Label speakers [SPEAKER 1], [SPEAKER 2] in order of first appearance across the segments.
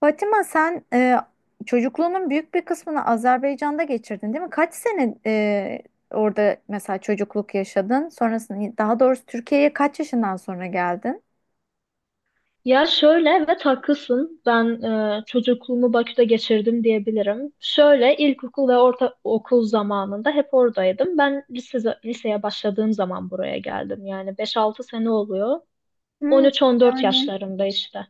[SPEAKER 1] Fatima sen çocukluğunun büyük bir kısmını Azerbaycan'da geçirdin değil mi? Kaç sene orada mesela çocukluk yaşadın? Sonrasında daha doğrusu Türkiye'ye kaç yaşından sonra geldin?
[SPEAKER 2] Ya şöyle evet haklısın. Ben çocukluğumu Bakü'de geçirdim diyebilirim. Şöyle ilkokul ve orta okul zamanında hep oradaydım. Ben liseye başladığım zaman buraya geldim. Yani beş-altı sene oluyor. On
[SPEAKER 1] Hmm,
[SPEAKER 2] üç-on dört
[SPEAKER 1] yani
[SPEAKER 2] yaşlarında işte.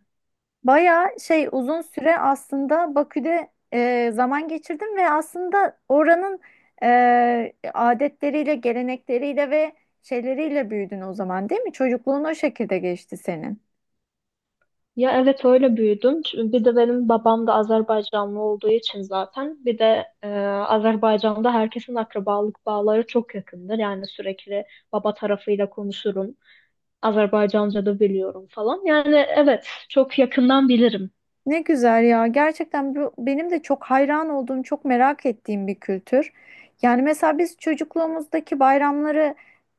[SPEAKER 1] bayağı şey uzun süre aslında Bakü'de zaman geçirdim ve aslında oranın adetleriyle, gelenekleriyle ve şeyleriyle büyüdün o zaman değil mi? Çocukluğun o şekilde geçti senin.
[SPEAKER 2] Ya evet öyle büyüdüm. Çünkü bir de benim babam da Azerbaycanlı olduğu için zaten. Bir de Azerbaycan'da herkesin akrabalık bağları çok yakındır. Yani sürekli baba tarafıyla konuşurum. Azerbaycanca da biliyorum falan. Yani evet çok yakından bilirim.
[SPEAKER 1] Ne güzel ya. Gerçekten bu benim de çok hayran olduğum, çok merak ettiğim bir kültür. Yani mesela biz çocukluğumuzdaki bayramları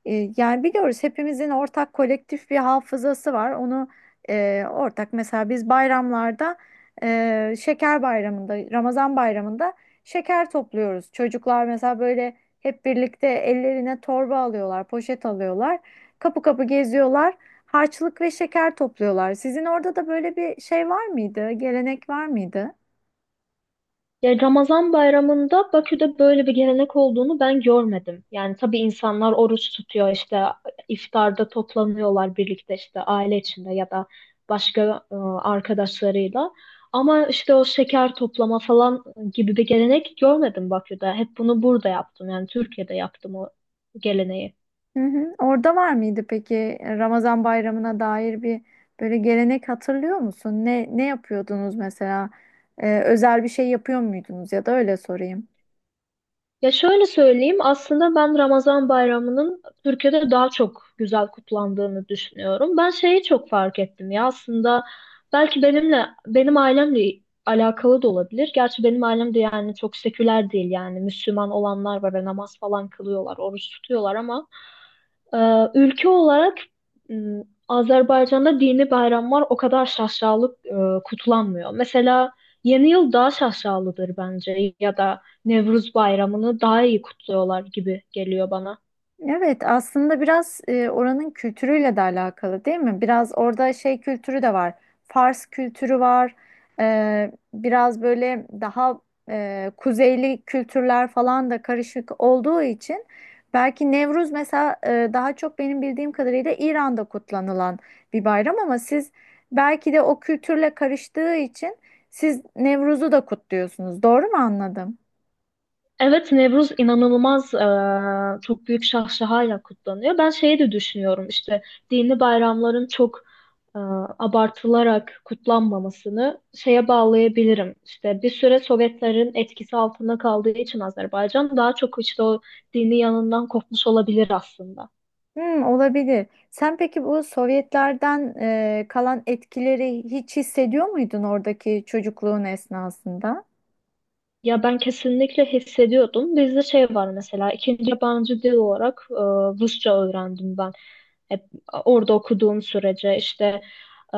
[SPEAKER 1] yani biliyoruz hepimizin ortak kolektif bir hafızası var. Onu ortak mesela biz bayramlarda şeker bayramında, Ramazan bayramında şeker topluyoruz. Çocuklar mesela böyle hep birlikte ellerine torba alıyorlar, poşet alıyorlar. Kapı kapı geziyorlar. Harçlık ve şeker topluyorlar. Sizin orada da böyle bir şey var mıydı? Gelenek var mıydı?
[SPEAKER 2] Ya Ramazan bayramında Bakü'de böyle bir gelenek olduğunu ben görmedim. Yani tabii insanlar oruç tutuyor işte iftarda toplanıyorlar birlikte işte aile içinde ya da başka arkadaşlarıyla. Ama işte o şeker toplama falan gibi bir gelenek görmedim Bakü'de. Hep bunu burada yaptım yani Türkiye'de yaptım o geleneği.
[SPEAKER 1] Hı hı. Orada var mıydı peki Ramazan bayramına dair bir böyle gelenek hatırlıyor musun? Ne yapıyordunuz mesela? Özel bir şey yapıyor muydunuz ya da öyle sorayım.
[SPEAKER 2] Ya şöyle söyleyeyim, aslında ben Ramazan bayramının Türkiye'de daha çok güzel kutlandığını düşünüyorum. Ben şeyi çok fark ettim ya, aslında belki benimle benim ailemle alakalı da olabilir. Gerçi benim ailem de yani çok seküler değil, yani Müslüman olanlar var ve namaz falan kılıyorlar, oruç tutuyorlar ama ülke olarak Azerbaycan'da dini bayramlar o kadar şaşalı kutlanmıyor. Mesela Yeni Yıl daha şaşalıdır bence ya da Nevruz Bayramı'nı daha iyi kutluyorlar gibi geliyor bana.
[SPEAKER 1] Evet, aslında biraz oranın kültürüyle de alakalı değil mi? Biraz orada şey kültürü de var. Fars kültürü var. Biraz böyle daha kuzeyli kültürler falan da karışık olduğu için belki Nevruz mesela daha çok benim bildiğim kadarıyla İran'da kutlanılan bir bayram ama siz belki de o kültürle karıştığı için siz Nevruz'u da kutluyorsunuz. Doğru mu anladım?
[SPEAKER 2] Evet, Nevruz inanılmaz, çok büyük şahşahayla kutlanıyor. Ben şeyi de düşünüyorum, işte dini bayramların çok e, abartılarak kutlanmamasını şeye bağlayabilirim. İşte bir süre Sovyetlerin etkisi altında kaldığı için Azerbaycan daha çok işte o dini yanından kopmuş olabilir aslında.
[SPEAKER 1] Hmm, olabilir. Sen peki bu Sovyetlerden kalan etkileri hiç hissediyor muydun oradaki çocukluğun esnasında?
[SPEAKER 2] Ya ben kesinlikle hissediyordum. Bizde şey var mesela, ikinci yabancı dil olarak Rusça öğrendim ben. Hep orada okuduğum sürece işte e,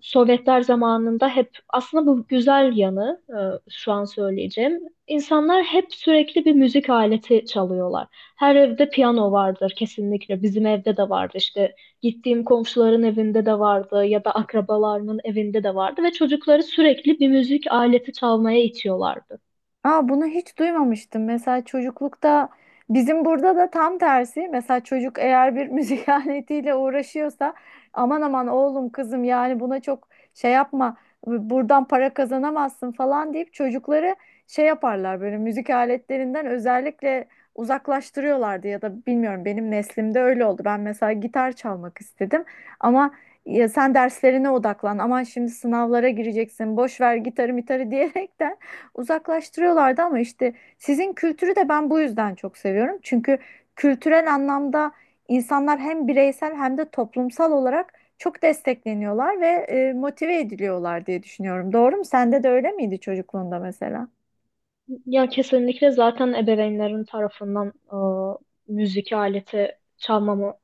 [SPEAKER 2] Sovyetler zamanında hep aslında bu güzel yanı şu an söyleyeceğim. İnsanlar hep sürekli bir müzik aleti çalıyorlar. Her evde piyano vardır kesinlikle. Bizim evde de vardı, işte gittiğim komşuların evinde de vardı ya da akrabalarının evinde de vardı ve çocukları sürekli bir müzik aleti çalmaya itiyorlardı.
[SPEAKER 1] Aa, bunu hiç duymamıştım. Mesela çocuklukta bizim burada da tam tersi. Mesela çocuk eğer bir müzik aletiyle uğraşıyorsa aman aman oğlum kızım, yani buna çok şey yapma, buradan para kazanamazsın falan deyip çocukları şey yaparlar, böyle müzik aletlerinden özellikle uzaklaştırıyorlardı ya da bilmiyorum, benim neslimde öyle oldu. Ben mesela gitar çalmak istedim ama ya sen derslerine odaklan, aman şimdi sınavlara gireceksin, boş ver gitarı mitarı diyerekten uzaklaştırıyorlardı, ama işte sizin kültürü de ben bu yüzden çok seviyorum. Çünkü kültürel anlamda insanlar hem bireysel hem de toplumsal olarak çok destekleniyorlar ve motive ediliyorlar diye düşünüyorum. Doğru mu? Sende de öyle miydi çocukluğunda mesela?
[SPEAKER 2] Ya kesinlikle zaten ebeveynlerin tarafından müzik aleti çalmamı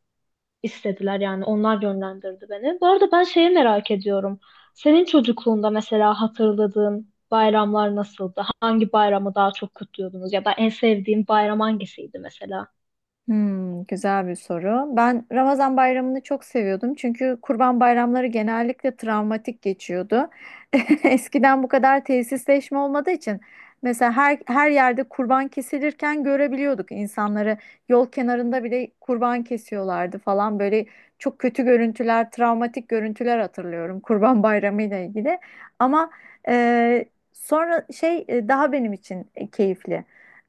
[SPEAKER 2] istediler, yani onlar yönlendirdi beni. Bu arada ben şeyi merak ediyorum. Senin çocukluğunda mesela hatırladığın bayramlar nasıldı? Hangi bayramı daha çok kutluyordunuz? Ya da en sevdiğin bayram hangisiydi mesela?
[SPEAKER 1] Hmm, güzel bir soru. Ben Ramazan bayramını çok seviyordum, çünkü kurban bayramları genellikle travmatik geçiyordu. Eskiden bu kadar tesisleşme olmadığı için mesela her yerde kurban kesilirken görebiliyorduk insanları, yol kenarında bile kurban kesiyorlardı falan, böyle çok kötü görüntüler, travmatik görüntüler hatırlıyorum kurban bayramı ile ilgili. Ama e, sonra şey, daha benim için keyifli,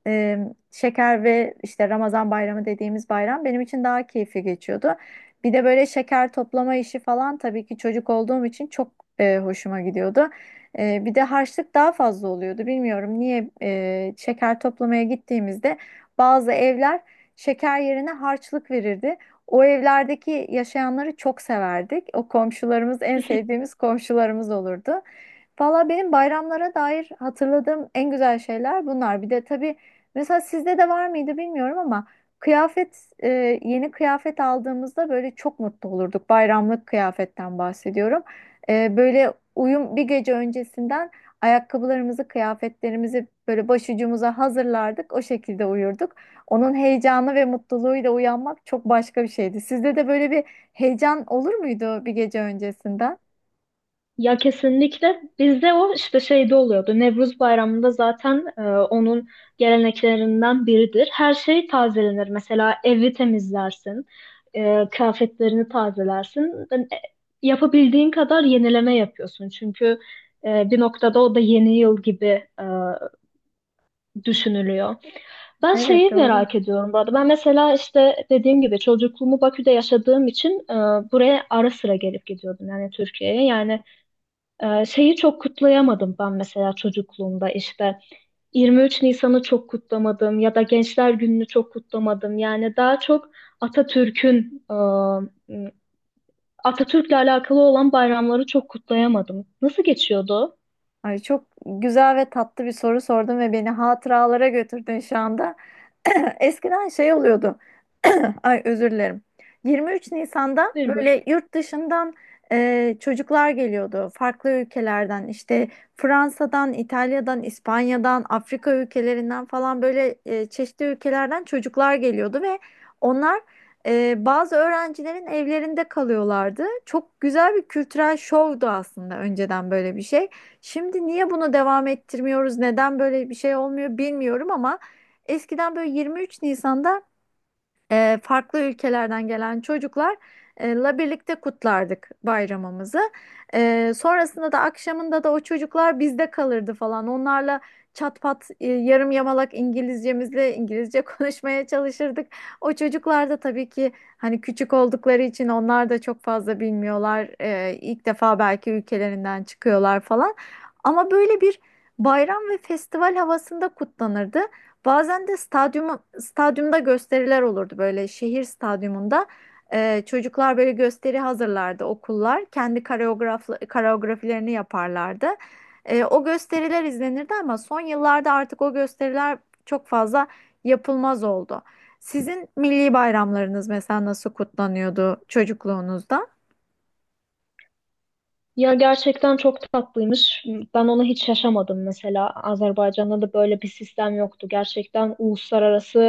[SPEAKER 1] e, şeker ve işte Ramazan bayramı dediğimiz bayram benim için daha keyifli geçiyordu. Bir de böyle şeker toplama işi falan tabii ki çocuk olduğum için çok hoşuma gidiyordu. Bir de harçlık daha fazla oluyordu. Bilmiyorum niye, şeker toplamaya gittiğimizde bazı evler şeker yerine harçlık verirdi. O evlerdeki yaşayanları çok severdik. O komşularımız en sevdiğimiz komşularımız olurdu. Valla benim bayramlara dair hatırladığım en güzel şeyler bunlar. Bir de tabii, mesela sizde de var mıydı bilmiyorum ama kıyafet e, yeni kıyafet aldığımızda böyle çok mutlu olurduk. Bayramlık kıyafetten bahsediyorum. Böyle uyum, bir gece öncesinden ayakkabılarımızı, kıyafetlerimizi böyle başucumuza hazırlardık. O şekilde uyurduk. Onun heyecanı ve mutluluğuyla uyanmak çok başka bir şeydi. Sizde de böyle bir heyecan olur muydu bir gece öncesinden?
[SPEAKER 2] Ya kesinlikle bizde o işte şeyde oluyordu. Nevruz Bayramı'nda zaten onun geleneklerinden biridir. Her şey tazelenir. Mesela evi temizlersin, kıyafetlerini tazelersin. Yapabildiğin kadar yenileme yapıyorsun. Çünkü bir noktada o da yeni yıl gibi e, düşünülüyor. Ben
[SPEAKER 1] Evet,
[SPEAKER 2] şeyi
[SPEAKER 1] doğru.
[SPEAKER 2] merak ediyorum bu arada. Ben mesela işte dediğim gibi çocukluğumu Bakü'de yaşadığım için buraya ara sıra gelip gidiyordum yani Türkiye'ye. Yani şeyi çok kutlayamadım ben mesela çocukluğumda, işte 23 Nisan'ı çok kutlamadım ya da Gençler Günü'nü çok kutlamadım. Yani daha çok Atatürk'ün e, Atatürk'le alakalı olan bayramları çok kutlayamadım. Nasıl geçiyordu?
[SPEAKER 1] Ay çok güzel ve tatlı bir soru sordun ve beni hatıralara götürdün şu anda. Eskiden şey oluyordu. Ay özür dilerim. 23 Nisan'da
[SPEAKER 2] Bir bir.
[SPEAKER 1] böyle yurt dışından çocuklar geliyordu. Farklı ülkelerden işte Fransa'dan, İtalya'dan, İspanya'dan, Afrika ülkelerinden falan böyle çeşitli ülkelerden çocuklar geliyordu ve onlar bazı öğrencilerin evlerinde kalıyorlardı. Çok güzel bir kültürel şovdu aslında önceden böyle bir şey. Şimdi niye bunu devam ettirmiyoruz, neden böyle bir şey olmuyor bilmiyorum, ama eskiden böyle 23 Nisan'da farklı ülkelerden gelen çocuklarla birlikte kutlardık bayramımızı. Sonrasında da akşamında da o çocuklar bizde kalırdı falan. Onlarla çat pat, yarım yamalak İngilizcemizle İngilizce konuşmaya çalışırdık. O çocuklar da tabii ki hani küçük oldukları için onlar da çok fazla bilmiyorlar. E, ilk defa belki ülkelerinden çıkıyorlar falan. Ama böyle bir bayram ve festival havasında kutlanırdı. Bazen de stadyumda gösteriler olurdu böyle şehir stadyumunda. Çocuklar böyle gösteri hazırlardı okullar. Kendi koreografilerini yaparlardı. O gösteriler izlenirdi ama son yıllarda artık o gösteriler çok fazla yapılmaz oldu. Sizin milli bayramlarınız mesela nasıl kutlanıyordu çocukluğunuzda?
[SPEAKER 2] Ya gerçekten çok tatlıymış. Ben onu hiç yaşamadım mesela. Azerbaycan'da da böyle bir sistem yoktu. Gerçekten uluslararası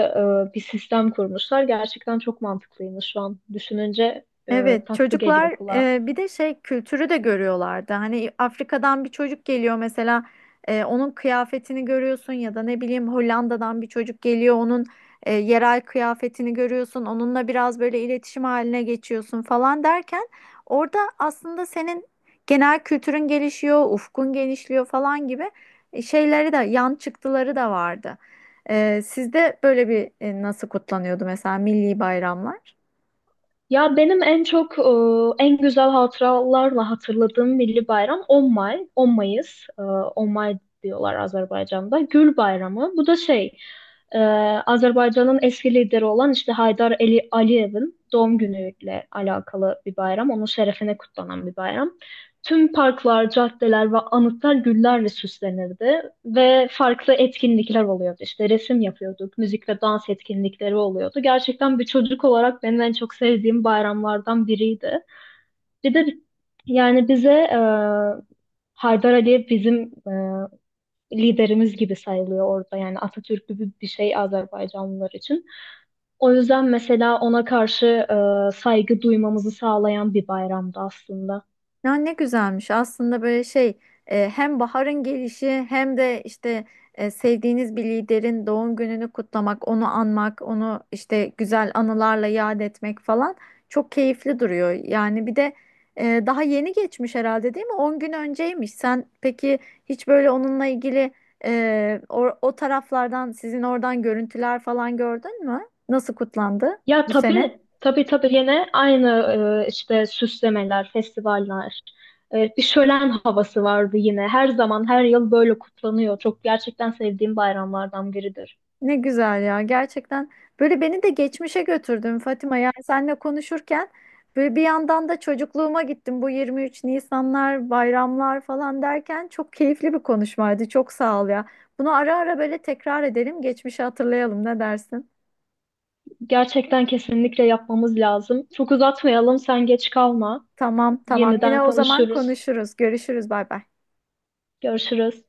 [SPEAKER 2] bir sistem kurmuşlar. Gerçekten çok mantıklıymış, şu an düşününce
[SPEAKER 1] Evet,
[SPEAKER 2] tatlı geliyor
[SPEAKER 1] çocuklar
[SPEAKER 2] kulağa.
[SPEAKER 1] bir de şey kültürü de görüyorlardı. Hani Afrika'dan bir çocuk geliyor mesela, onun kıyafetini görüyorsun ya da ne bileyim Hollanda'dan bir çocuk geliyor, onun yerel kıyafetini görüyorsun. Onunla biraz böyle iletişim haline geçiyorsun falan derken orada aslında senin genel kültürün gelişiyor, ufkun genişliyor falan gibi şeyleri de, yan çıktıları da vardı. Sizde böyle bir, nasıl kutlanıyordu mesela milli bayramlar?
[SPEAKER 2] Ya benim en çok en güzel hatıralarla hatırladığım milli bayram 10 Mayıs, 10 May diyorlar Azerbaycan'da. Gül Bayramı. Bu da e, Azerbaycan'ın eski lideri olan işte Haydar Ali Aliyev'in doğum günüyle alakalı bir bayram. Onun şerefine kutlanan bir bayram. Tüm parklar, caddeler ve anıtlar güllerle süslenirdi ve farklı etkinlikler oluyordu. İşte resim yapıyorduk, müzik ve dans etkinlikleri oluyordu. Gerçekten bir çocuk olarak benim en çok sevdiğim bayramlardan biriydi. Bir de yani bize Haydar Aliyev bizim e, liderimiz gibi sayılıyor orada. Yani Atatürk gibi bir şey Azerbaycanlılar için. O yüzden mesela ona karşı saygı duymamızı sağlayan bir bayramdı aslında.
[SPEAKER 1] Ya ne güzelmiş aslında, böyle şey, hem baharın gelişi hem de işte sevdiğiniz bir liderin doğum gününü kutlamak, onu anmak, onu işte güzel anılarla yad etmek falan çok keyifli duruyor. Yani bir de daha yeni geçmiş herhalde, değil mi? On gün önceymiş. Sen peki hiç böyle onunla ilgili o taraflardan, sizin oradan görüntüler falan gördün mü? Nasıl kutlandı
[SPEAKER 2] Ya
[SPEAKER 1] bu sene?
[SPEAKER 2] tabii tabii tabii, yine aynı işte süslemeler, festivaller. E, bir şölen havası vardı yine. Her zaman her yıl böyle kutlanıyor. Çok gerçekten sevdiğim bayramlardan biridir.
[SPEAKER 1] Ne güzel ya, gerçekten böyle beni de geçmişe götürdün Fatima, yani seninle konuşurken böyle bir yandan da çocukluğuma gittim, bu 23 Nisanlar, bayramlar falan derken çok keyifli bir konuşmaydı, çok sağ ol ya, bunu ara ara böyle tekrar edelim, geçmişi hatırlayalım, ne dersin?
[SPEAKER 2] Gerçekten kesinlikle yapmamız lazım. Çok uzatmayalım, sen geç kalma.
[SPEAKER 1] Tamam tamam,
[SPEAKER 2] Yeniden
[SPEAKER 1] yine o zaman
[SPEAKER 2] konuşuruz.
[SPEAKER 1] konuşuruz, görüşürüz, bay bay.
[SPEAKER 2] Görüşürüz.